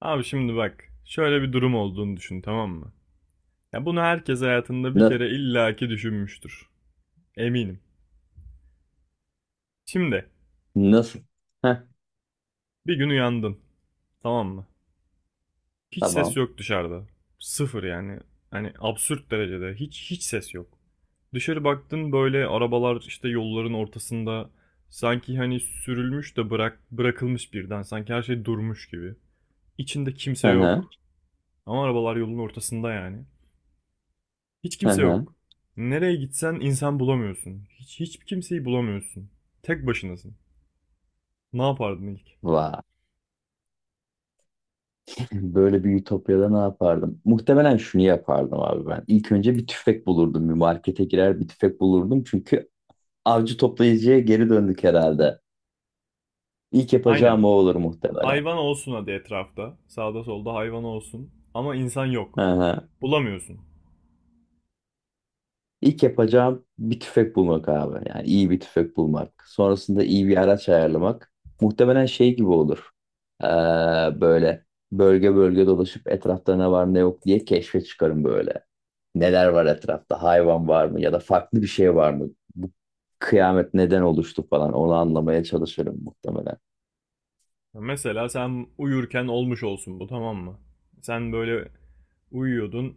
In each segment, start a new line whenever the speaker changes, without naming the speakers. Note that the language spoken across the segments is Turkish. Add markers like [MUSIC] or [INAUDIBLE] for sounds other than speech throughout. Abi şimdi bak, şöyle bir durum olduğunu düşün, tamam mı? Ya bunu herkes hayatında bir
Na-
kere illaki düşünmüştür. Eminim. Şimdi
Nasıl? Heh,
bir gün uyandın, tamam mı? Hiç ses
tamam.
yok dışarıda. Sıfır yani. Hani absürt derecede hiç ses yok. Dışarı baktın böyle arabalar işte yolların ortasında sanki hani sürülmüş de bırakılmış birden sanki her şey durmuş gibi. İçinde kimse
Hı hı.
yok ama arabalar yolun ortasında yani. Hiç
Hı
kimse
hı.
yok. Nereye gitsen insan bulamıyorsun. Hiç kimseyi bulamıyorsun. Tek başınasın. Ne yapardın ilk?
Vay. Böyle bir ütopyada ne yapardım? Muhtemelen şunu yapardım abi ben. İlk önce bir tüfek bulurdum. Bir markete girer bir tüfek bulurdum. Çünkü avcı toplayıcıya geri döndük herhalde. İlk
Aynen.
yapacağım o olur muhtemelen.
Hayvan olsun hadi etrafta. Sağda solda hayvan olsun. Ama insan
Hı
yok.
hı.
Bulamıyorsun.
İlk yapacağım bir tüfek bulmak abi. Yani iyi bir tüfek bulmak. Sonrasında iyi bir araç ayarlamak. Muhtemelen şey gibi olur. Ee, Böyle bölge bölge dolaşıp etrafta ne var ne yok diye keşfe çıkarım böyle. Neler var etrafta? Hayvan var mı? Ya da farklı bir şey var mı? Bu kıyamet neden oluştu falan. Onu anlamaya çalışırım muhtemelen.
Mesela sen uyurken olmuş olsun bu, tamam mı? Sen böyle uyuyordun.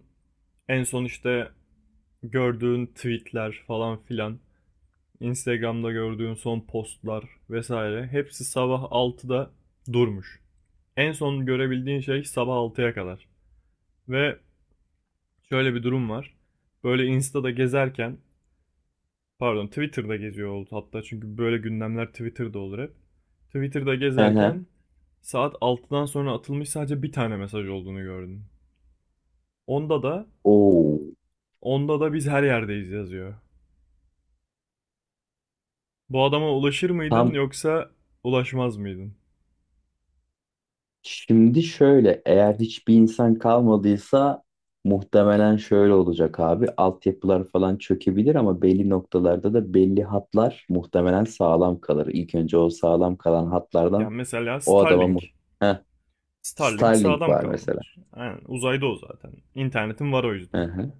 En son işte gördüğün tweetler falan filan. Instagram'da gördüğün son postlar vesaire. Hepsi sabah 6'da durmuş. En son görebildiğin şey sabah 6'ya kadar. Ve şöyle bir durum var. Böyle Insta'da gezerken, pardon, Twitter'da geziyor oldu hatta çünkü böyle gündemler Twitter'da olur hep. Twitter'da
Hı hı.
gezerken saat 6'dan sonra atılmış sadece bir tane mesaj olduğunu gördüm. Onda da,
Oo.
onda da biz her yerdeyiz yazıyor. Bu adama ulaşır mıydın
Tam
yoksa ulaşmaz mıydın?
Şimdi şöyle, eğer hiçbir insan kalmadıysa muhtemelen şöyle olacak abi. Altyapılar falan çökebilir ama belli noktalarda da belli hatlar muhtemelen sağlam kalır. İlk önce o sağlam kalan
Yani
hatlardan
mesela
o adama muht
Starlink.
Heh,
Starlink
Starlink
sağdam
var mesela.
kalınır. Aynen, uzayda o zaten. İnternetin var o
Hı
yüzden.
hı.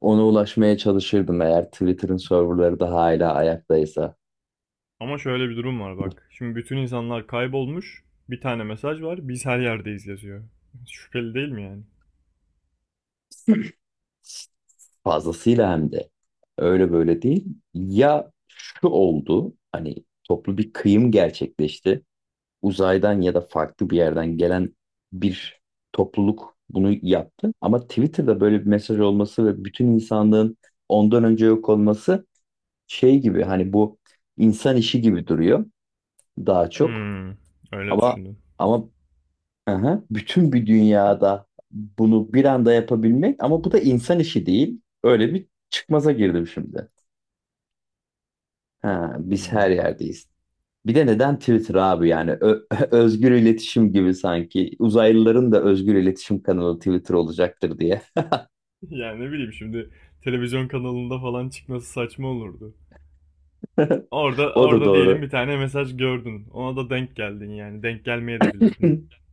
Ona ulaşmaya çalışırdım eğer Twitter'ın serverları da hala ayaktaysa.
Ama şöyle bir durum var bak. Şimdi bütün insanlar kaybolmuş. Bir tane mesaj var. Biz her yerdeyiz yazıyor. [LAUGHS] Şüpheli değil mi yani?
Fazlasıyla hem de. Öyle böyle değil. Ya şu oldu, hani toplu bir kıyım gerçekleşti. Uzaydan ya da farklı bir yerden gelen bir topluluk bunu yaptı. Ama Twitter'da böyle bir mesaj olması ve bütün insanlığın ondan önce yok olması şey gibi hani bu insan işi gibi duruyor daha çok.
Hmm, öyle
Ama
düşündün.
ama aha, bütün bir dünyada bunu bir anda yapabilmek ama bu da insan işi değil. Öyle bir çıkmaza girdim şimdi. Ha, biz
Hmm.
her
[LAUGHS]
yerdeyiz. Bir de neden Twitter abi yani [LAUGHS] özgür iletişim gibi sanki uzaylıların da özgür iletişim kanalı Twitter olacaktır diye.
Yani ne bileyim şimdi, televizyon kanalında falan çıkması saçma olurdu. Orada
O da
orada diyelim
doğru.
bir tane mesaj gördün. Ona da denk geldin yani. Denk gelmeye de bilirdin.
[LAUGHS]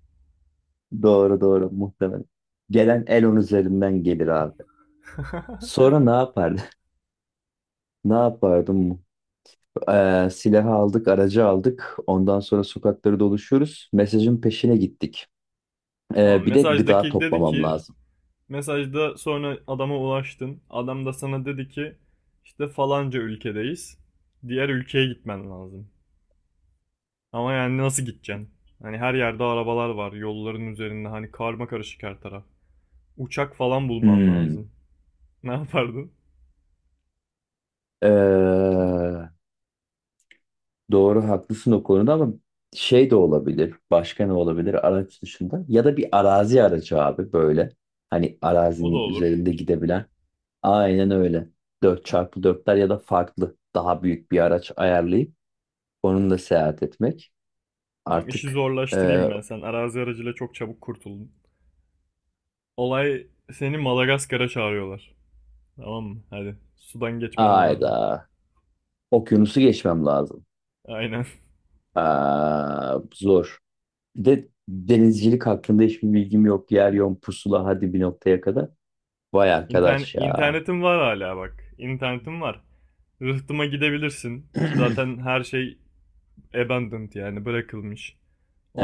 Doğru muhtemelen. Gelen Elon üzerinden gelir abi.
[LAUGHS]
Sonra ne yapardı? [LAUGHS] Ne yapardım? Silahı aldık, aracı aldık. Ondan sonra sokakları doluşuyoruz. Mesajın peşine gittik.
Tamam,
Bir de gıda
mesajdaki dedi
toplamam
ki
lazım.
mesajda sonra adama ulaştın. Adam da sana dedi ki işte falanca ülkedeyiz. Diğer ülkeye gitmen lazım. Ama yani nasıl gideceksin? Hani her yerde arabalar var, yolların üzerinde hani karma karışık her taraf. Uçak falan bulman
Hmm.
lazım. [LAUGHS] Ne yapardın?
Ee, Doğru haklısın o konuda ama şey de olabilir. Başka ne olabilir araç dışında? Ya da bir arazi aracı abi böyle. Hani
O da
arazinin
olur.
üzerinde gidebilen. Aynen öyle. Dört çarpı dörtler ya da farklı daha büyük bir araç ayarlayıp onunla seyahat etmek.
Tamam, işi
Artık
zorlaştırayım
e,
ben. Sen arazi aracıyla çok çabuk kurtuldun. Olay, seni Madagaskar'a çağırıyorlar. Tamam mı? Hadi. Sudan geçmen lazım.
Ayda okyanusu geçmem lazım.
Aynen.
Aa, zor. Bir de denizcilik hakkında hiçbir bilgim yok. Yer yön pusula hadi bir noktaya kadar. Vay
[LAUGHS] İnternet,
arkadaş ya.
internetin var hala bak. İnternetim var. Rıhtıma gidebilirsin.
[CLEARS THROAT]
Zaten her şey abandoned, yani bırakılmış.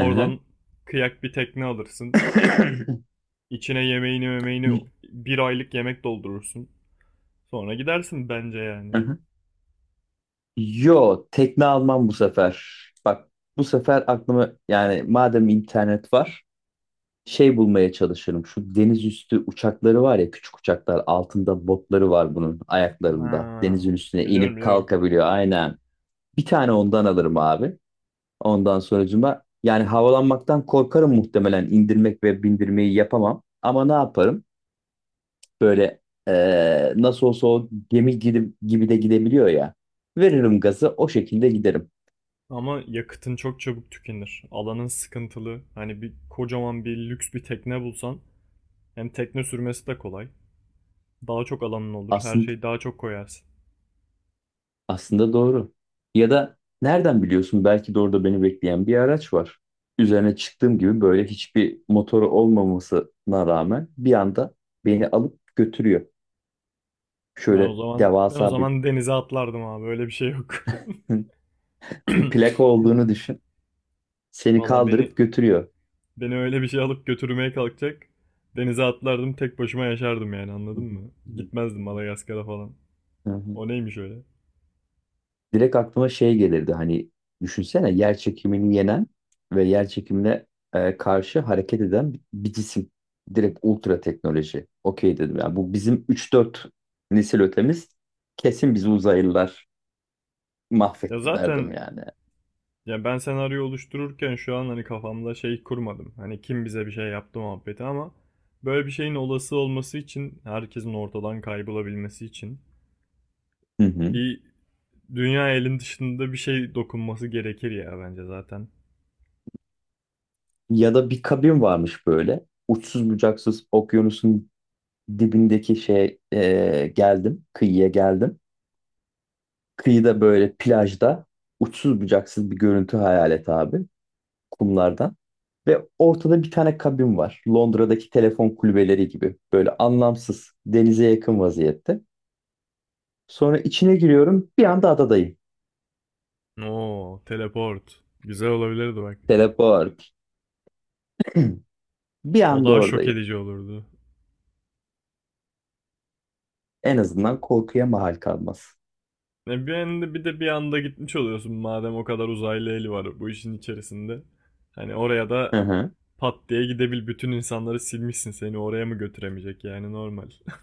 Aha.
kıyak bir tekne alırsın.
[LAUGHS]
İçine yemeğini memeğini bir aylık yemek doldurursun. Sonra gidersin bence yani.
Aha. Yo, tekne almam bu sefer. Bak bu sefer aklıma yani madem internet var şey bulmaya çalışırım. Şu deniz üstü uçakları var ya küçük uçaklar altında botları var bunun ayaklarında.
Ha,
Denizin üstüne
biliyorum,
inip
biliyorum.
kalkabiliyor aynen. Bir tane ondan alırım abi. Ondan sonracıma yani havalanmaktan korkarım muhtemelen indirmek ve bindirmeyi yapamam. Ama ne yaparım? Böyle nasıl olsa o gemi gibi de gidebiliyor ya. Veririm gazı o şekilde giderim.
Ama yakıtın çok çabuk tükenir. Alanın sıkıntılı. Hani bir kocaman bir lüks bir tekne bulsan hem tekne sürmesi de kolay. Daha çok alanın olur. Her
Aslında
şeyi daha çok koyarsın.
aslında doğru. Ya da nereden biliyorsun belki de orada beni bekleyen bir araç var. Üzerine çıktığım gibi böyle hiçbir motoru olmamasına rağmen bir anda beni alıp götürüyor.
Ben o
Şöyle
zaman ben o
devasa bir
zaman denize atlardım abi. Öyle bir şey yok.
[LAUGHS] bir plaka
[LAUGHS]
olduğunu düşün.
[CLEARS THROAT]
Seni
Valla, beni
kaldırıp götürüyor.
beni öyle bir şey alıp götürmeye kalkacak. Denize atlardım, tek başıma yaşardım yani, anladın mı? Gitmezdim Madagaskar'a falan. O
[LAUGHS]
neymiş öyle?
Direkt aklıma şey gelirdi hani düşünsene yer çekimini yenen ve yer çekimine karşı hareket eden bir cisim. Direkt ultra teknoloji. Okey dedim. Yani bu bizim üç dört nesil ötemiz kesin bizi uzaylılar
Ya
mahvetti derdim
zaten
yani.
ya ben senaryo oluştururken şu an hani kafamda şey kurmadım. Hani kim bize bir şey yaptı muhabbeti ama böyle bir şeyin olası olması için, herkesin ortadan kaybolabilmesi için
Hı hı.
bir dünya elin dışında bir şey dokunması gerekir ya bence zaten.
Ya da bir kabin varmış böyle. Uçsuz bucaksız okyanusun dibindeki şey geldim. Kıyıya geldim. Kıyıda böyle plajda uçsuz bucaksız bir görüntü hayal et abi. Kumlardan. Ve ortada bir tane kabin var. Londra'daki telefon kulübeleri gibi. Böyle anlamsız, denize yakın vaziyette. Sonra içine giriyorum, bir anda adadayım.
Oo, teleport. Güzel olabilirdi bak.
Teleport. Bir
O
anda
daha şok
oradayım.
edici olurdu.
En azından korkuya mahal kalmaz.
Ne bir anda, bir de bir anda gitmiş oluyorsun madem o kadar uzaylı eli var bu işin içerisinde. Hani oraya da
Hı hı.
pat diye gidebil, bütün insanları silmişsin seni oraya mı götüremeyecek yani normal. [LAUGHS]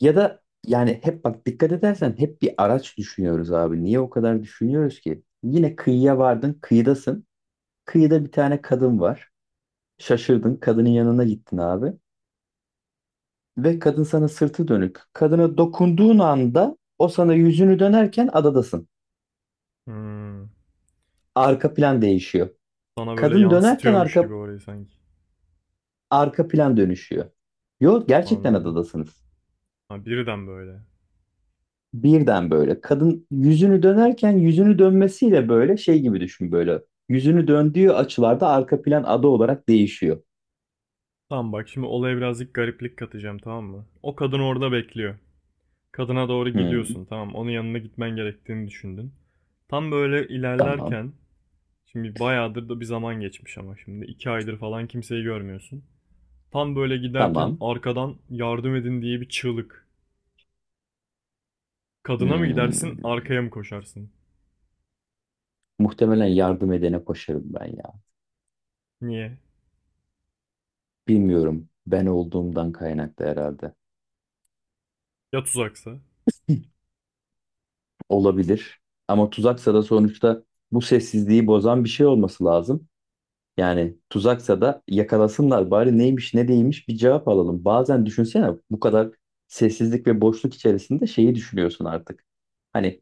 Ya da yani hep bak dikkat edersen hep bir araç düşünüyoruz abi. Niye o kadar düşünüyoruz ki? Yine kıyıya vardın, kıyıdasın. Kıyıda bir tane kadın var. Şaşırdın, kadının yanına gittin abi. Ve kadın sana sırtı dönük. Kadına dokunduğun anda o sana yüzünü dönerken adadasın.
Hmm.
Arka plan değişiyor.
Sana böyle
Kadın dönerken
yansıtıyormuş
arka
gibi orayı sanki.
arka plan dönüşüyor. Yok gerçekten
Anladım.
adadasınız.
Ha, birden böyle.
Birden böyle. Kadın yüzünü dönerken yüzünü dönmesiyle böyle şey gibi düşün böyle. Yüzünü döndüğü açılarda arka plan ada olarak değişiyor.
Tamam bak, şimdi olaya birazcık gariplik katacağım, tamam mı? O kadın orada bekliyor. Kadına doğru
Hmm,
gidiyorsun, tamam, onun yanına gitmen gerektiğini düşündün. Tam böyle
tamam.
ilerlerken şimdi bayağıdır da bir zaman geçmiş ama şimdi 2 aydır falan kimseyi görmüyorsun. Tam böyle giderken
Tamam.
arkadan yardım edin diye bir çığlık. Kadına mı gidersin,
Hmm.
arkaya mı koşarsın?
Muhtemelen yardım edene koşarım ben ya.
Niye?
Bilmiyorum. Ben olduğumdan kaynaklı herhalde.
Ya tuzaksa?
Olabilir. Ama tuzaksa da sonuçta bu sessizliği bozan bir şey olması lazım. Yani tuzaksa da yakalasınlar bari neymiş ne değilmiş bir cevap alalım. Bazen düşünsene bu kadar sessizlik ve boşluk içerisinde şeyi düşünüyorsun artık. Hani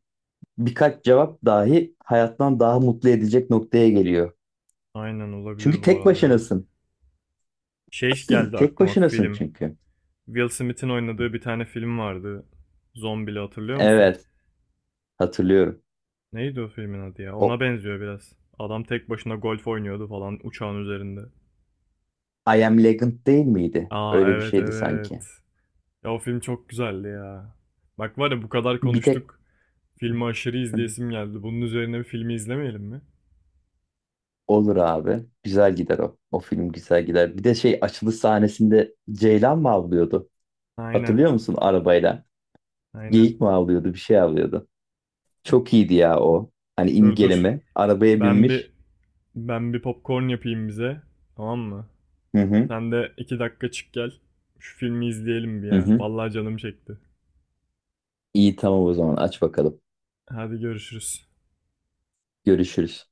birkaç cevap dahi hayattan daha mutlu edecek noktaya geliyor.
Aynen,
Çünkü
olabilir bu
tek
arada ya.
başınasın.
Şey
[CLEARS THROAT]
geldi
Tek
aklıma,
başınasın
film.
çünkü.
Will Smith'in oynadığı bir tane film vardı. Zombili, hatırlıyor musun?
Evet, hatırlıyorum.
Neydi o filmin adı ya? Ona
O
benziyor biraz. Adam tek başına golf oynuyordu falan uçağın üzerinde.
I Am Legend değil miydi?
Aa,
Öyle bir
evet,
şeydi sanki.
evet. Ya o film çok güzeldi ya. Bak var ya, bu kadar
Bir tek
konuştuk. Filmi aşırı izleyesim geldi. Bunun üzerine bir filmi izlemeyelim mi?
olur abi. Güzel gider o. O film güzel gider. Bir de şey açılış sahnesinde Ceylan mı avlıyordu?
Aynen.
Hatırlıyor musun arabayla?
Aynen.
Geyik mi avlıyordu? Bir şey avlıyordu. Çok iyiydi ya o. Hani
Dur, dur.
imgeleme. Arabaya
Ben
binmiş.
bir ben bir popcorn yapayım bize. Tamam mı?
Hı hı.
Sen de 2 dakika çık gel. Şu filmi izleyelim bir
Hı
ya.
hı.
Vallahi canım çekti.
İyi tamam o zaman aç bakalım.
Hadi görüşürüz.
Görüşürüz.